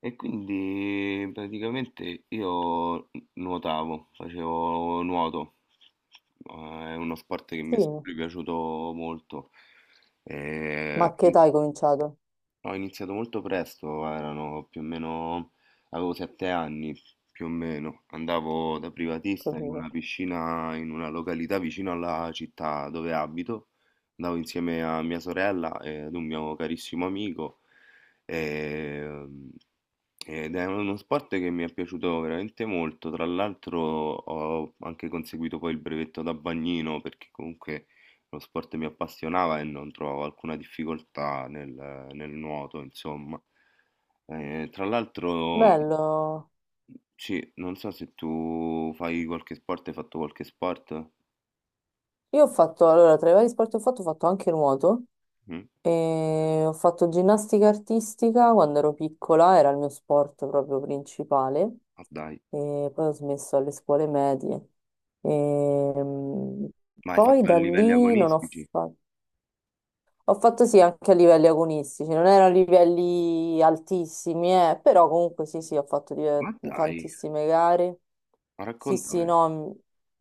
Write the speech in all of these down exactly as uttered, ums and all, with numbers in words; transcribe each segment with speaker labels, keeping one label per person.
Speaker 1: E quindi praticamente io nuotavo, facevo nuoto, Eh, è uno sport che
Speaker 2: Sì,
Speaker 1: mi è sempre piaciuto molto. Eh,
Speaker 2: ma che età hai cominciato?
Speaker 1: Ho iniziato molto presto, erano più o meno, avevo sette anni più o meno, andavo da privatista in
Speaker 2: Capito.
Speaker 1: una piscina in una località vicino alla città dove abito, andavo insieme a mia sorella e ad un mio carissimo amico e- ed è uno sport che mi è piaciuto veramente molto, tra l'altro ho anche conseguito poi il brevetto da bagnino, perché comunque lo sport mi appassionava e non trovavo alcuna difficoltà nel, nel nuoto, insomma. Eh, tra l'altro,
Speaker 2: Bello.
Speaker 1: sì, non so se tu fai qualche sport, hai fatto qualche sport?
Speaker 2: Io ho fatto, allora, tra i vari sport che ho fatto, ho fatto anche nuoto
Speaker 1: Mm?
Speaker 2: e ho fatto ginnastica artistica quando ero piccola, era il mio sport proprio principale
Speaker 1: Ma dai,
Speaker 2: e poi ho smesso alle scuole medie. E, mm,
Speaker 1: ma hai
Speaker 2: poi
Speaker 1: fatto a
Speaker 2: da
Speaker 1: livelli
Speaker 2: lì non ho
Speaker 1: agonistici?
Speaker 2: fatto... Ho fatto sì anche a livelli agonistici, non erano livelli altissimi, eh, però comunque sì, sì, ho fatto
Speaker 1: Ma
Speaker 2: di-
Speaker 1: dai,
Speaker 2: tantissime gare.
Speaker 1: ma
Speaker 2: Sì, sì,
Speaker 1: raccontami,
Speaker 2: no, m-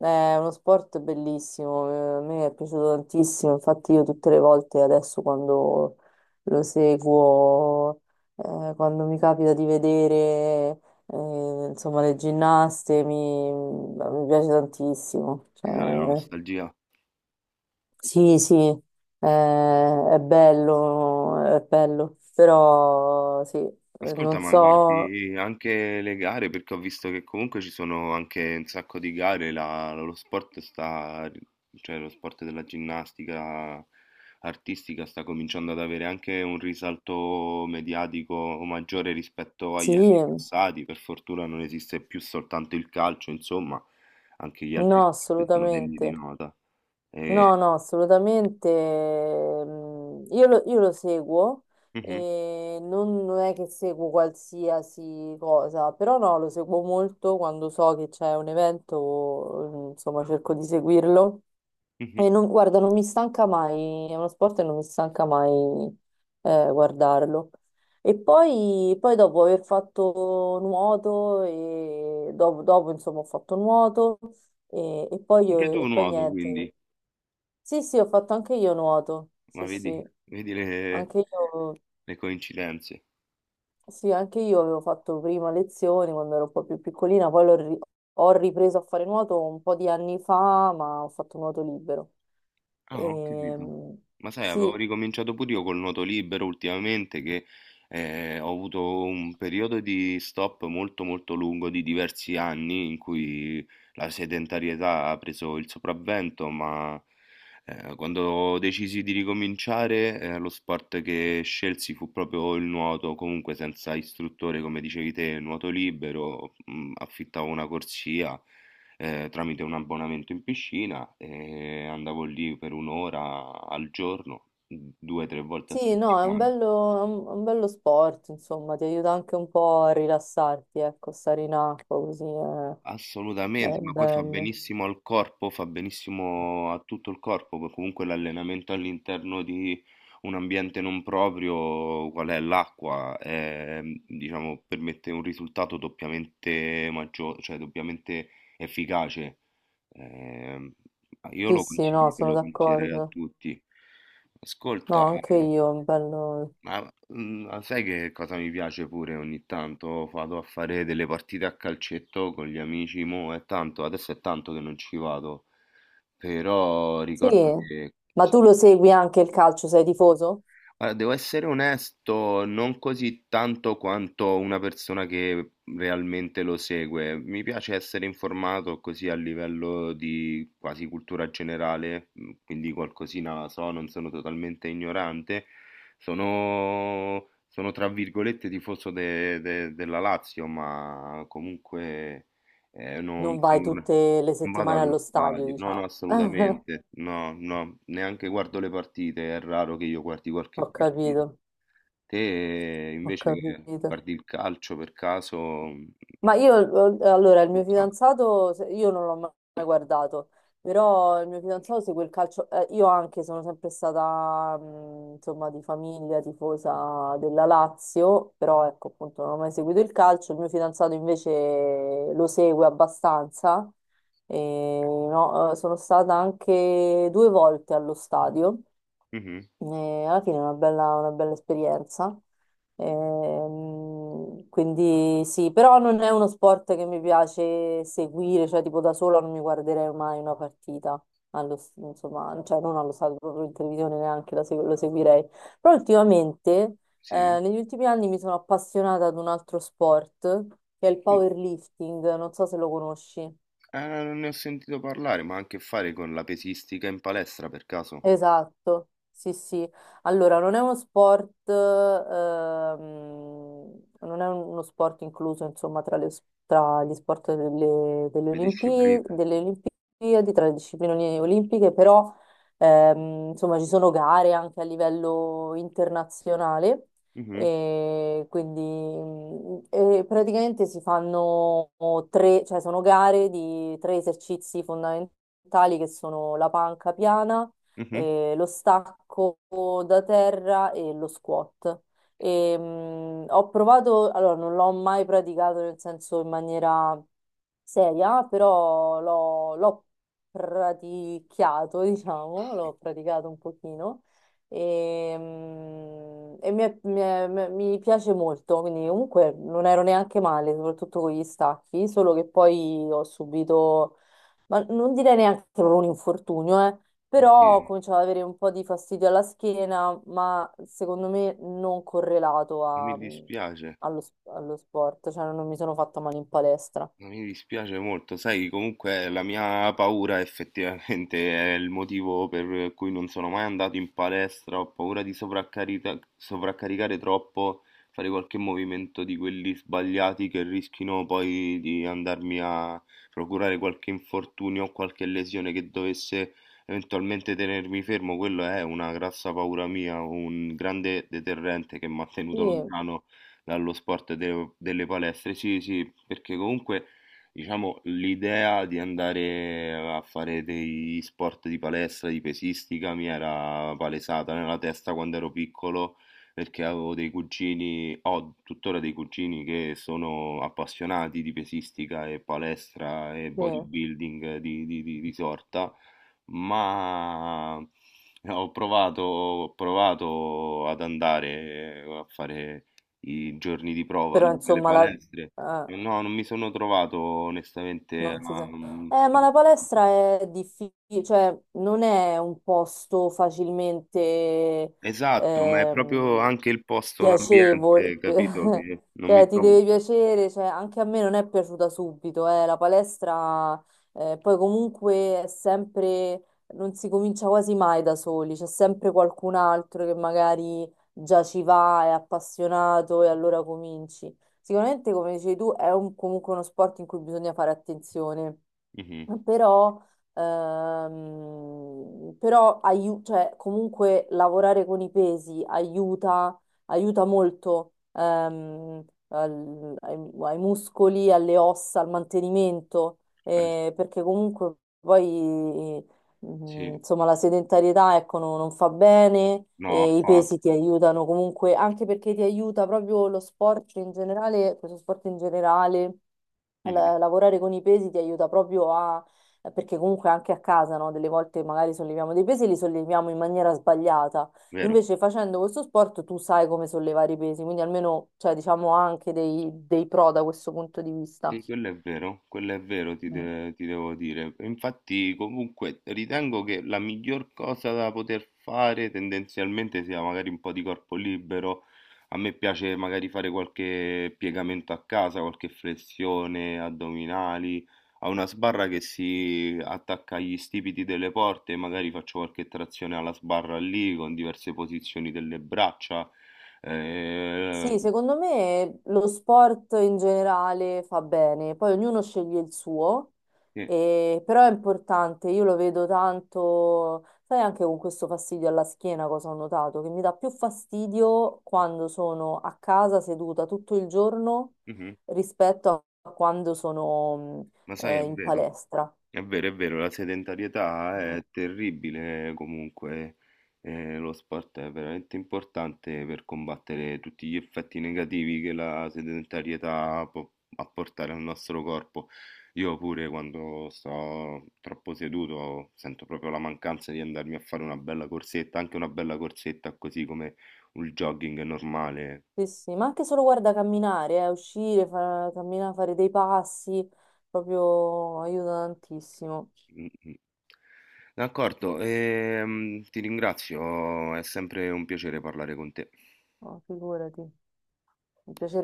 Speaker 2: è uno sport bellissimo, eh, a me è piaciuto tantissimo, infatti io tutte le volte adesso quando lo seguo, eh, quando mi capita di vedere, eh, insomma, le ginnaste, mi, mi piace tantissimo.
Speaker 1: ti
Speaker 2: Cioè,
Speaker 1: sale la nostalgia.
Speaker 2: sì, sì, eh, è bello, è bello, però sì, eh,
Speaker 1: Ascolta,
Speaker 2: non
Speaker 1: ma
Speaker 2: so,
Speaker 1: guardi anche le gare, perché ho visto che comunque ci sono anche un sacco di gare, la- lo sport sta, cioè lo sport della ginnastica artistica sta cominciando ad avere anche un risalto mediatico maggiore rispetto
Speaker 2: sì,
Speaker 1: agli anni passati, per fortuna non esiste più soltanto il calcio, insomma, anche gli altri
Speaker 2: no,
Speaker 1: sport sono degni di
Speaker 2: assolutamente,
Speaker 1: nota. E-
Speaker 2: no, no, assolutamente, mm, io lo, io lo seguo
Speaker 1: Mhm,
Speaker 2: e non, non è che seguo qualsiasi cosa, però no, lo seguo molto quando so che c'è un evento, mm, insomma, cerco di seguirlo.
Speaker 1: mhm.
Speaker 2: E non- guarda, non mi stanca mai, è uno sport e non mi stanca mai, eh, guardarlo. E poi, poi dopo aver fatto nuoto, e dopo, dopo, insomma ho fatto nuoto e, e poi,
Speaker 1: Anche
Speaker 2: io-
Speaker 1: tu
Speaker 2: e poi
Speaker 1: nuoto, quindi,
Speaker 2: niente. Sì, sì, ho fatto anche io nuoto,
Speaker 1: ma
Speaker 2: sì, sì,
Speaker 1: vedi, vedi le
Speaker 2: anche io
Speaker 1: le coincidenze.
Speaker 2: sì, anche io avevo fatto prima lezioni quando ero un po' più piccolina, poi l'ho ri- ho ripreso a fare nuoto un po' di anni fa, ma ho fatto nuoto libero.
Speaker 1: Ah, ho capito.
Speaker 2: Ehm,
Speaker 1: Ma sai, avevo
Speaker 2: sì,
Speaker 1: ricominciato pure io col nuoto libero ultimamente, che eh, ho avuto un periodo di stop molto molto lungo di diversi anni in cui la sedentarietà ha preso il sopravvento, ma eh, quando decisi di ricominciare, eh, lo sport che scelsi fu proprio il nuoto, comunque senza istruttore, come dicevi te, nuoto libero. Mm, affittavo una corsia eh, tramite un abbonamento in piscina e andavo lì per un'ora al giorno, due o tre volte a
Speaker 2: sì, no, è un
Speaker 1: settimana.
Speaker 2: bello, è un, è un bello sport, insomma, ti aiuta anche un po' a rilassarti, ecco, stare in acqua così è, è
Speaker 1: Assolutamente, ma poi fa
Speaker 2: bello.
Speaker 1: benissimo al corpo, fa benissimo a tutto il corpo, poi comunque l'allenamento all'interno di un ambiente non proprio, qual è l'acqua, ehm, diciamo, permette un risultato doppiamente maggiore, cioè doppiamente efficace. Ehm, io
Speaker 2: Sì,
Speaker 1: lo
Speaker 2: sì, no,
Speaker 1: consiglio,
Speaker 2: sono
Speaker 1: lo consiglierei a
Speaker 2: d'accordo.
Speaker 1: tutti. Ascolta,
Speaker 2: No, anche io, è un bello.
Speaker 1: ma mm, ah, sai che cosa mi piace pure ogni tanto? Vado a fare delle partite a calcetto con gli amici, mo è tanto, adesso è tanto che non ci vado, però
Speaker 2: Sì,
Speaker 1: ricordo che
Speaker 2: ma tu
Speaker 1: sì.
Speaker 2: lo segui anche il calcio, sei tifoso?
Speaker 1: Allora, devo essere onesto, non così tanto quanto una persona che realmente lo segue. Mi piace essere informato così a livello di quasi cultura generale, mh, quindi qualcosina la so, non sono totalmente ignorante. Sono, sono tra virgolette tifoso de- de- della Lazio, ma comunque eh, non
Speaker 2: Non vai
Speaker 1: sono una-
Speaker 2: tutte le
Speaker 1: non vado
Speaker 2: settimane allo
Speaker 1: allo
Speaker 2: stadio,
Speaker 1: stadio, no, no,
Speaker 2: diciamo.
Speaker 1: assolutamente, no, no, neanche guardo le partite, è raro che io guardi qualche
Speaker 2: Ho
Speaker 1: partita.
Speaker 2: capito,
Speaker 1: Te eh,
Speaker 2: ho
Speaker 1: invece che
Speaker 2: capito.
Speaker 1: guardi il calcio per caso... mh,
Speaker 2: Ma io, eh, allora, il mio
Speaker 1: cosa?
Speaker 2: fidanzato, se- io non l'ho ma- mai guardato, però il mio fidanzato segue il calcio, eh, io anche sono sempre stata, mh, insomma, di famiglia tifosa della Lazio, però ecco, appunto, non ho mai seguito il calcio, il mio fidanzato invece lo segue abbastanza, e, no, eh, sono stata anche due volte allo stadio.
Speaker 1: Mhm,
Speaker 2: E alla fine è una bella, una bella esperienza. Ehm, quindi sì, però non è uno sport che mi piace seguire, cioè tipo da sola non mi guarderei mai una partita, allo, insomma, cioè non allo stato proprio in televisione neanche la segu- lo seguirei. Però ultimamente,
Speaker 1: sì.
Speaker 2: eh, negli ultimi anni mi sono appassionata ad un altro sport che è il
Speaker 1: Mm,
Speaker 2: powerlifting, non so se lo conosci.
Speaker 1: eh, non ne ho sentito parlare, ma ha a che fare con la pesistica in palestra per caso?
Speaker 2: Esatto, sì, sì. Allora, non è uno sport, ehm, non è uno sport incluso, insomma, tra, le- tra gli sport delle, delle
Speaker 1: Le discipline?
Speaker 2: Olimpi- delle Olimpiadi, tra le discipline olimpiche, però, ehm, insomma, ci sono gare anche a livello internazionale
Speaker 1: Mhm,
Speaker 2: e quindi mm, e praticamente si fanno tre, cioè sono gare di tre esercizi fondamentali che sono la panca piana,
Speaker 1: mhm.
Speaker 2: eh, lo stacco da terra e lo squat. E, mh, ho provato, allora non l'ho mai praticato nel senso in maniera seria, però l'ho l'ho praticato, diciamo, l'ho praticato un pochino. E, mm, e mi, è- mi è- mi- mi piace molto, quindi comunque non ero neanche male, soprattutto con gli stacchi, solo che poi ho subito ma non direi neanche che non un infortunio, eh, però
Speaker 1: Oddio,
Speaker 2: cominciava ad avere un po' di fastidio alla schiena, ma secondo me non correlato
Speaker 1: mi
Speaker 2: a-
Speaker 1: dispiace.
Speaker 2: allo, sp- allo sport, cioè non mi sono fatta male in palestra.
Speaker 1: Ma mi dispiace molto, sai, comunque la mia paura effettivamente è il motivo per cui non sono mai andato in palestra, ho paura di sovraccarita- sovraccaricare troppo, fare qualche movimento di quelli sbagliati che rischino poi di andarmi a procurare qualche infortunio o qualche lesione che dovesse eventualmente tenermi fermo, quello è una grassa paura mia, un grande deterrente che mi ha tenuto
Speaker 2: Sì,
Speaker 1: lontano dallo sport de- delle palestre. Sì, sì, perché comunque diciamo, l'idea di andare a fare degli sport di palestra, di pesistica, mi era palesata nella testa quando ero piccolo, perché avevo dei cugini, ho tuttora dei cugini che sono appassionati di pesistica e palestra e
Speaker 2: sì,
Speaker 1: bodybuilding di, di- di- di sorta, ma eh, ho provato, ho provato ad andare a fare i giorni di prova
Speaker 2: però
Speaker 1: lì nelle
Speaker 2: insomma
Speaker 1: palestre.
Speaker 2: la, eh,
Speaker 1: No, non mi sono trovato onestamente.
Speaker 2: non si
Speaker 1: a-
Speaker 2: sa. Eh, ma la palestra è difficile, cioè non è un posto facilmente
Speaker 1: Esatto, ma è proprio
Speaker 2: ehm,
Speaker 1: anche il posto,
Speaker 2: piacevole,
Speaker 1: l'ambiente, capito? Che non
Speaker 2: cioè
Speaker 1: mi
Speaker 2: ti
Speaker 1: trovo.
Speaker 2: deve piacere, cioè, anche a me non è piaciuta subito, eh, la palestra, eh, poi comunque è sempre, non si comincia quasi mai da soli, c'è sempre qualcun altro che magari già ci va, è appassionato e allora cominci. Sicuramente, come dicevi tu, è un- comunque uno sport in cui bisogna fare attenzione
Speaker 1: Mhm.
Speaker 2: però, ehm, però aiu- cioè, comunque lavorare con i pesi aiuta, aiuta molto, ehm, al- ai, ai muscoli, alle ossa, al mantenimento,
Speaker 1: Eh,
Speaker 2: eh, perché comunque poi,
Speaker 1: sì, sì.
Speaker 2: mm, insomma, la sedentarietà, ecco, no- non fa bene
Speaker 1: No,
Speaker 2: e i pesi ti
Speaker 1: affatto.
Speaker 2: aiutano comunque, anche perché ti aiuta proprio lo sport in generale, questo sport in generale, la-
Speaker 1: Mhm.
Speaker 2: lavorare con i pesi ti aiuta proprio a, perché comunque anche a casa, no? Delle volte magari solleviamo dei pesi e li solleviamo in maniera sbagliata.
Speaker 1: Vero.
Speaker 2: Invece facendo questo sport tu sai come sollevare i pesi, quindi almeno, cioè, diciamo, ha anche dei, dei pro da questo punto di vista.
Speaker 1: Sì, quello è vero, quello è vero, ti, de- ti devo dire. Infatti, comunque, ritengo che la miglior cosa da poter fare tendenzialmente sia magari un po' di corpo libero. A me piace magari fare qualche piegamento a casa, qualche flessione, addominali. Ho una sbarra che si attacca agli stipiti delle porte, magari faccio qualche trazione alla sbarra lì con diverse posizioni delle braccia. Eh,
Speaker 2: Sì, secondo me lo sport in generale fa bene, poi ognuno sceglie il suo,
Speaker 1: sì,
Speaker 2: e- però è importante, io lo vedo tanto, sai anche con questo fastidio alla schiena cosa ho notato, che mi dà più fastidio quando sono a casa seduta tutto il giorno
Speaker 1: mhm.
Speaker 2: rispetto a quando sono
Speaker 1: Ma
Speaker 2: mh,
Speaker 1: sai,
Speaker 2: eh,
Speaker 1: è
Speaker 2: in
Speaker 1: vero.
Speaker 2: palestra.
Speaker 1: È vero, è vero, la sedentarietà
Speaker 2: Mm,
Speaker 1: è terribile, comunque eh, lo sport è veramente importante per combattere tutti gli effetti negativi che la sedentarietà può apportare al nostro corpo. Io pure quando sto troppo seduto sento proprio la mancanza di andarmi a fare una bella corsetta, anche una bella corsetta così come un jogging normale.
Speaker 2: sì, sì, ma anche solo guarda camminare, eh, uscire, fa- camminare, fare dei passi, proprio aiuta tantissimo.
Speaker 1: Mm, mm. D'accordo, ehm, ti ringrazio, è sempre un piacere parlare con te.
Speaker 2: Oh, figurati, mi piacerebbe